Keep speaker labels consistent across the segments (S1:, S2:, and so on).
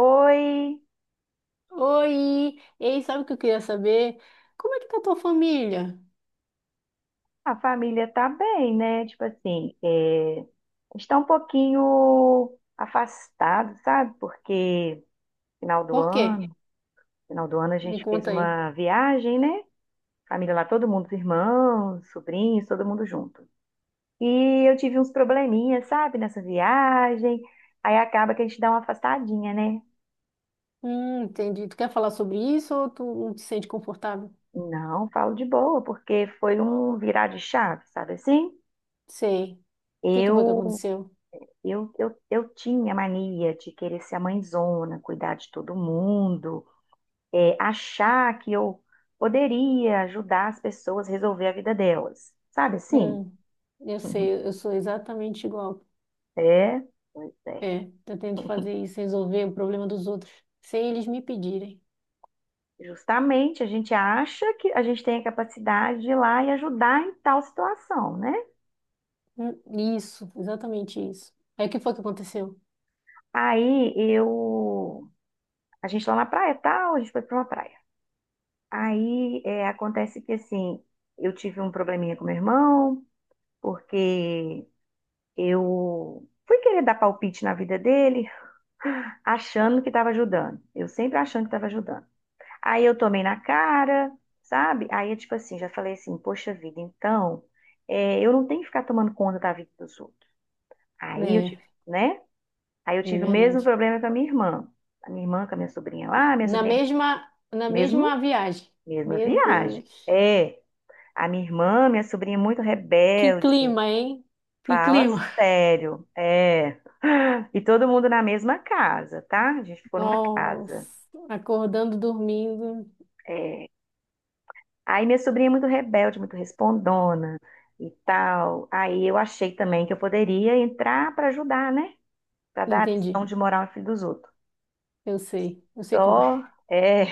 S1: Oi,
S2: Oi! Ei, sabe o que eu queria saber? Como é que tá a tua família?
S1: a família tá bem, né? Tipo assim, está um pouquinho afastado, sabe? Porque final do
S2: Por quê?
S1: ano, final do ano a
S2: Me
S1: gente fez
S2: conta aí.
S1: uma viagem, né? Família lá, todo mundo, os irmãos, sobrinhos, todo mundo junto. E eu tive uns probleminhas, sabe, nessa viagem. Aí acaba que a gente dá uma afastadinha, né?
S2: Entendi. Tu quer falar sobre isso ou tu não te sente confortável?
S1: Não, falo de boa, porque foi um virar de chave, sabe assim?
S2: Sei. O que que foi que
S1: Eu
S2: aconteceu?
S1: eu tinha mania de querer ser a mãezona, cuidar de todo mundo, achar que eu poderia ajudar as pessoas a resolver a vida delas. Sabe assim?
S2: Hum, eu sei, eu sou exatamente igual.
S1: É, pois é.
S2: É, eu tento fazer isso, resolver o problema dos outros, sem eles me pedirem.
S1: Justamente a gente acha que a gente tem a capacidade de ir lá e ajudar em tal situação, né?
S2: Hum, isso, exatamente isso. Aí o que foi que aconteceu?
S1: Aí eu. A gente lá na praia, tal, a gente foi pra uma praia. Acontece que assim, eu tive um probleminha com meu irmão, porque eu fui querer dar palpite na vida dele, achando que estava ajudando. Eu sempre achando que estava ajudando. Aí eu tomei na cara, sabe? Aí eu, tipo assim, já falei assim, poxa vida, eu não tenho que ficar tomando conta da vida dos outros. Aí eu
S2: É,
S1: tive, né? Aí eu
S2: é
S1: tive o mesmo
S2: verdade.
S1: problema com a minha irmã. A minha irmã com a minha sobrinha lá, minha sobrinha,
S2: Na
S1: mesmo,
S2: mesma viagem.
S1: mesma
S2: Meu
S1: viagem.
S2: Deus.
S1: É, a minha irmã, minha sobrinha muito
S2: Que
S1: rebelde.
S2: clima, hein? Que
S1: Fala
S2: clima.
S1: sério, é. E todo mundo na mesma casa, tá? A gente ficou numa casa.
S2: Nossa, acordando, dormindo.
S1: É. Aí minha sobrinha é muito rebelde, muito respondona e tal. Aí eu achei também que eu poderia entrar pra ajudar, né? Pra dar a
S2: Entendi.
S1: lição de moral ao filho dos outros.
S2: Eu sei. Eu sei como é.
S1: Só, é.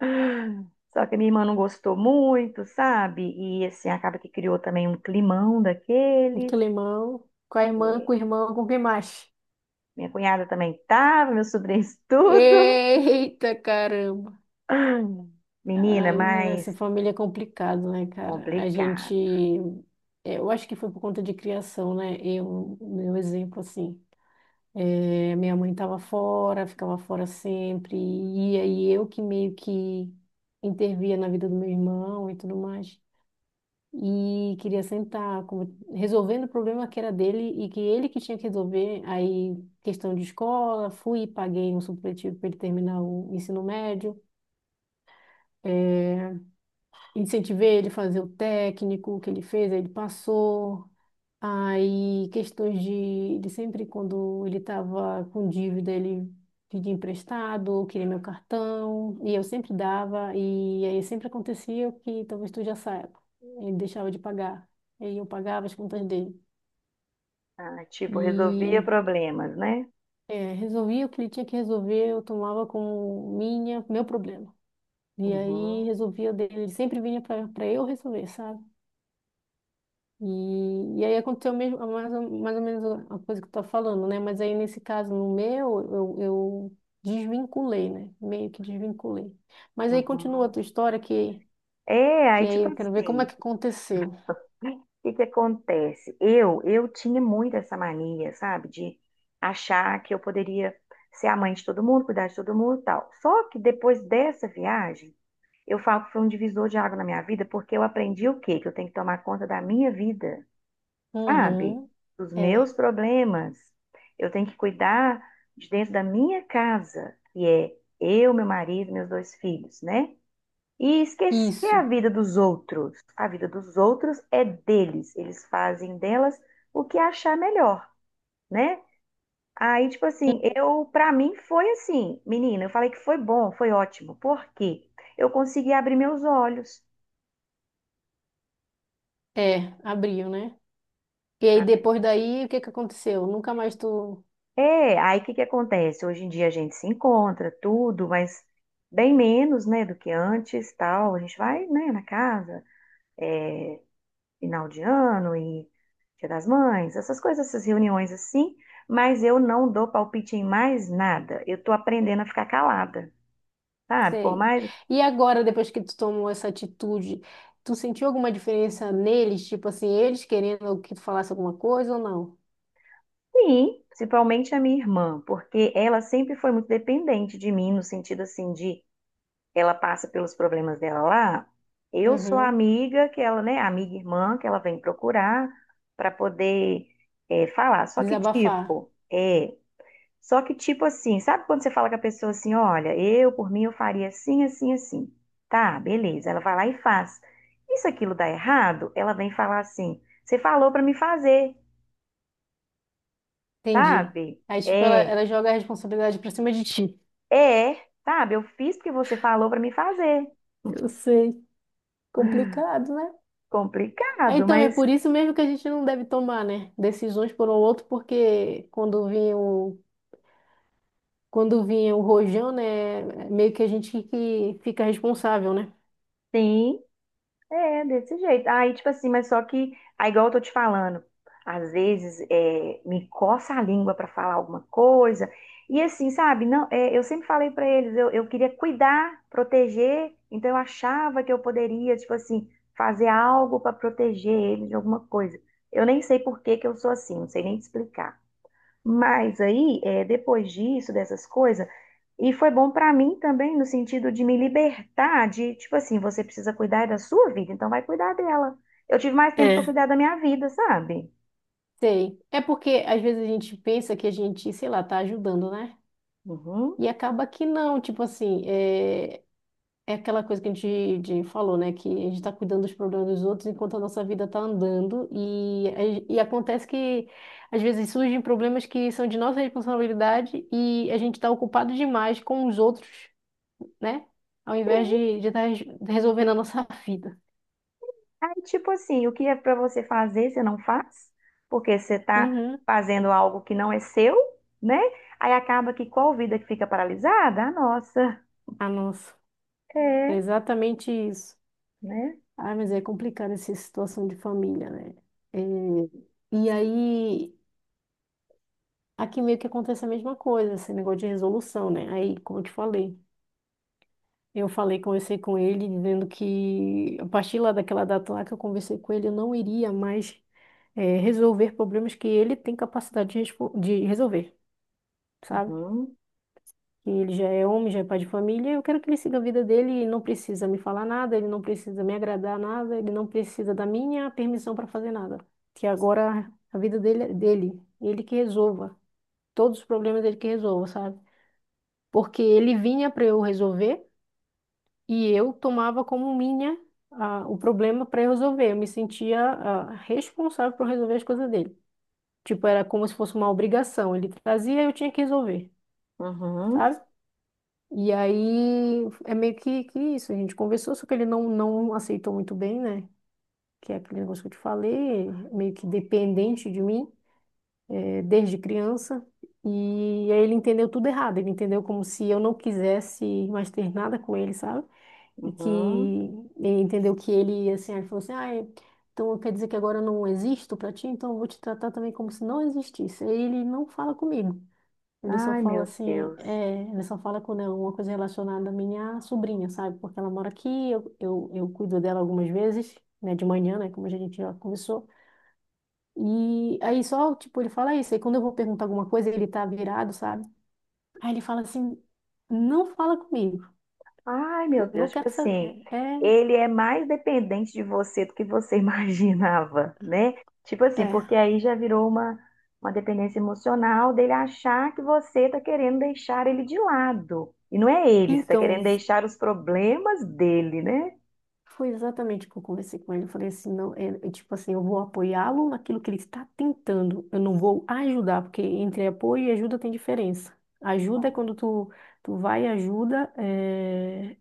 S1: Só que minha irmã não gostou muito, sabe? E assim, acaba que criou também um climão
S2: Um
S1: daqueles.
S2: climão. Com a irmã, com
S1: É,
S2: o irmão, com quem mais?
S1: minha cunhada também tava, meus sobrinhos tudo.
S2: Eita, caramba.
S1: Ah, menina,
S2: Ai, menina, essa
S1: mas
S2: família é complicado, né, cara? A gente.
S1: complicada.
S2: É, eu acho que foi por conta de criação, né? Eu, meu exemplo, assim. Minha mãe estava fora, ficava fora sempre, e aí eu que meio que intervia na vida do meu irmão e tudo mais. E queria sentar, resolvendo o problema que era dele e que ele que tinha que resolver. Aí, questão de escola, fui e paguei um supletivo para ele terminar o ensino médio. Eh, Incentivei ele a fazer o técnico que ele fez, aí ele passou. Aí, questões de sempre quando ele estava com dívida, ele pedia emprestado, ou queria meu cartão, e eu sempre dava, e aí sempre acontecia o que talvez tu já saiba. Ele deixava de pagar, e aí eu pagava as contas dele.
S1: Tipo, resolvia
S2: E
S1: problemas, né?
S2: é, resolvia o que ele tinha que resolver, eu tomava como minha, meu problema. E aí
S1: Uhum,
S2: resolvia o dele, ele sempre vinha para eu resolver, sabe? E aí aconteceu mesmo, mais ou menos a coisa que tu tá falando, né? Mas aí nesse caso, no meu, eu desvinculei, né? Meio que desvinculei. Mas aí continua a
S1: uhum.
S2: tua história,
S1: É,
S2: que
S1: aí
S2: aí
S1: tipo
S2: eu quero ver como é
S1: assim,
S2: que aconteceu.
S1: o que que acontece? Eu tinha muito essa mania, sabe? De achar que eu poderia ser a mãe de todo mundo, cuidar de todo mundo e tal. Só que depois dessa viagem, eu falo que foi um divisor de água na minha vida, porque eu aprendi o quê? Que eu tenho que tomar conta da minha vida. Sabe?
S2: Uhum.
S1: Dos
S2: É,
S1: meus problemas. Eu tenho que cuidar de dentro da minha casa, que é eu, meu marido, meus dois filhos, né? E esquecer a
S2: isso.
S1: vida dos outros. A vida dos outros é deles. Eles fazem delas o que achar melhor, né? Aí, tipo assim, eu, pra mim foi assim, menina, eu falei que foi bom, foi ótimo. Por quê? Eu consegui abrir meus olhos.
S2: É, abriu, né? E aí depois daí, o que que aconteceu? Nunca mais tu
S1: É, aí o que que acontece? Hoje em dia a gente se encontra, tudo, mas bem menos, né, do que antes, tal. A gente vai, né, na casa, é, final de ano e Dia das Mães, essas coisas, essas reuniões assim, mas eu não dou palpite em mais nada. Eu tô aprendendo a ficar calada, sabe? Por
S2: sei.
S1: mais...
S2: E agora, depois que tu tomou essa atitude, tu sentiu alguma diferença neles? Tipo assim, eles querendo que tu falasse alguma coisa ou não?
S1: Sim, principalmente a minha irmã, porque ela sempre foi muito dependente de mim, no sentido, assim, de ela passa pelos problemas dela lá, eu sou a
S2: Uhum.
S1: amiga que ela, né, amiga e irmã que ela vem procurar para poder falar.
S2: Desabafar.
S1: Só que tipo assim, sabe quando você fala com a pessoa assim, olha, eu por mim eu faria assim, assim, assim. Tá, beleza. Ela vai lá e faz. E se aquilo dá errado, ela vem falar assim, você falou para me fazer,
S2: Entendi.
S1: sabe?
S2: Aí, tipo, ela, ela joga a responsabilidade pra cima de ti.
S1: Sabe? Eu fiz porque você falou para me fazer.
S2: Eu sei. Complicado, né? Ah,
S1: Complicado,
S2: então, é
S1: mas
S2: por isso mesmo que a gente não deve tomar, né? Decisões por um outro, porque quando vinha o rojão, né? Meio que a gente que fica responsável, né?
S1: sim. É, desse jeito. Aí, tipo assim, mas só que, aí, igual eu tô te falando, às vezes me coça a língua pra falar alguma coisa. E assim, sabe? Não, é, eu sempre falei pra eles, eu queria cuidar, proteger, então eu achava que eu poderia, tipo assim, fazer algo pra proteger eles de alguma coisa. Eu nem sei por que que eu sou assim, não sei nem te explicar. Mas aí, depois disso, dessas coisas, e foi bom pra mim também no sentido de me libertar de, tipo assim, você precisa cuidar da sua vida, então vai cuidar dela. Eu tive mais tempo pra
S2: É.
S1: cuidar da minha vida, sabe?
S2: Sei. É porque às vezes a gente pensa que a gente, sei lá, tá ajudando, né?
S1: Uhum.
S2: E acaba que não, tipo assim, é, é aquela coisa que a gente, falou, né? Que a gente está cuidando dos problemas dos outros enquanto a nossa vida está andando. E acontece que, às vezes, surgem problemas que são de nossa responsabilidade e a gente está ocupado demais com os outros, né? Ao invés de
S1: Sim.
S2: estar resolvendo a nossa vida.
S1: Aí, tipo assim, o que é pra você fazer, você não faz, porque você tá
S2: Uhum.
S1: fazendo algo que não é seu, né? Aí acaba que qual vida que fica paralisada? A nossa.
S2: Ah, nossa. É
S1: É,
S2: exatamente isso.
S1: né?
S2: Ah, mas é complicado essa situação de família, né? É, e aí, aqui meio que acontece a mesma coisa, esse negócio de resolução, né? Aí, como eu te falei. Eu falei, conversei com ele, dizendo que a partir lá daquela data lá que eu conversei com ele, eu não iria mais resolver problemas que ele tem capacidade de, de resolver, sabe?
S1: Uhum,
S2: Que ele já é homem, já é pai de família, eu quero que ele siga a vida dele e não precisa me falar nada, ele não precisa me agradar nada, ele não precisa da minha permissão para fazer nada. Que agora a vida dele é dele, ele que resolva, todos os problemas ele que resolva, sabe? Porque ele vinha para eu resolver. E eu tomava como minha ah, o problema para resolver. Eu me sentia ah, responsável por resolver as coisas dele. Tipo, era como se fosse uma obrigação. Ele trazia, e eu tinha que resolver,
S1: uhum,
S2: sabe? E aí é meio que isso. A gente conversou, só que ele não aceitou muito bem, né? Que é aquele negócio que eu te falei, meio que dependente de mim, desde criança. E aí ele entendeu tudo errado. Ele entendeu como se eu não quisesse mais ter nada com ele, sabe? E que
S1: uhum.
S2: ele entendeu que ele, assim, aí ele falou assim, ah, então quer dizer que agora eu não existo para ti, então eu vou te tratar também como se não existisse. Aí ele não fala comigo, ele só
S1: Ai,
S2: fala
S1: meu
S2: assim,
S1: Deus.
S2: é, ele só fala com né uma coisa relacionada à minha sobrinha, sabe? Porque ela mora aqui, eu cuido dela algumas vezes, né, de manhã, né, como a gente já conversou. E aí só, tipo, ele fala isso, aí quando eu vou perguntar alguma coisa, ele tá virado, sabe? Aí ele fala assim, não fala comigo,
S1: Ai,
S2: que
S1: meu
S2: eu não
S1: Deus, tipo
S2: quero
S1: assim,
S2: saber. É,
S1: ele é mais dependente de você do que você imaginava, né? Tipo
S2: é.
S1: assim, porque
S2: É.
S1: aí já virou uma dependência emocional dele achar que você tá querendo deixar ele de lado. E não é ele, você tá querendo
S2: Então,
S1: deixar os problemas dele, né?
S2: foi exatamente o que eu conversei com ele. Eu falei assim, não, é, é tipo assim, eu vou apoiá-lo naquilo que ele está tentando. Eu não vou ajudar, porque entre apoio e ajuda tem diferença. Ajuda é
S1: Bom,
S2: quando tu, tu vai e ajuda, é,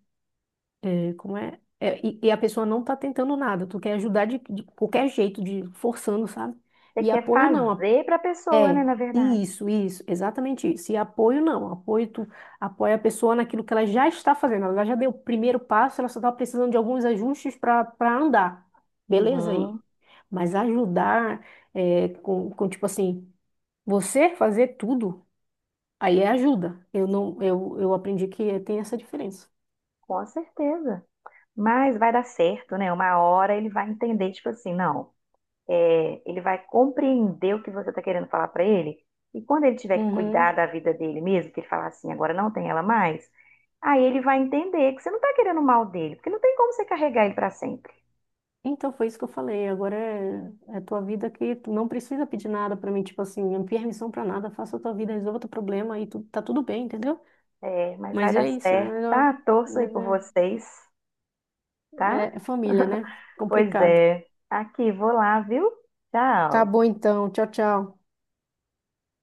S2: é, como é? É, e a pessoa não está tentando nada. Tu quer ajudar de qualquer jeito, de forçando, sabe?
S1: você
S2: E
S1: quer
S2: apoio não.
S1: fazer pra pessoa, né,
S2: É,
S1: na verdade.
S2: isso, exatamente isso. E apoio não, apoio tu apoia a pessoa naquilo que ela já está fazendo. Ela já deu o primeiro passo, ela só está precisando de alguns ajustes para andar. Beleza aí.
S1: Uhum,
S2: Mas ajudar é, com tipo assim, você fazer tudo, aí é ajuda. Eu não, eu aprendi que tem essa diferença.
S1: com certeza. Mas vai dar certo, né? Uma hora ele vai entender, tipo assim, não. É, ele vai compreender o que você está querendo falar para ele. E quando ele tiver que cuidar
S2: Uhum.
S1: da vida dele mesmo, que ele falar assim, agora não tem ela mais, aí ele vai entender que você não está querendo o mal dele, porque não tem como você carregar ele para sempre.
S2: Então foi isso que eu falei. Agora é, é tua vida que tu não precisa pedir nada para mim, tipo assim, não pedi permissão para nada, faça a tua vida, resolva teu problema e tu, tá tudo bem, entendeu?
S1: É, mas vai
S2: Mas
S1: dar
S2: é isso, né?
S1: certo,
S2: Mas, ó,
S1: tá? Torço aí
S2: mas
S1: por
S2: é,
S1: vocês, tá?
S2: é é família, né?
S1: Pois
S2: Complicado.
S1: é. Aqui, vou lá, viu?
S2: Tá
S1: Tchau.
S2: bom então. Tchau, tchau.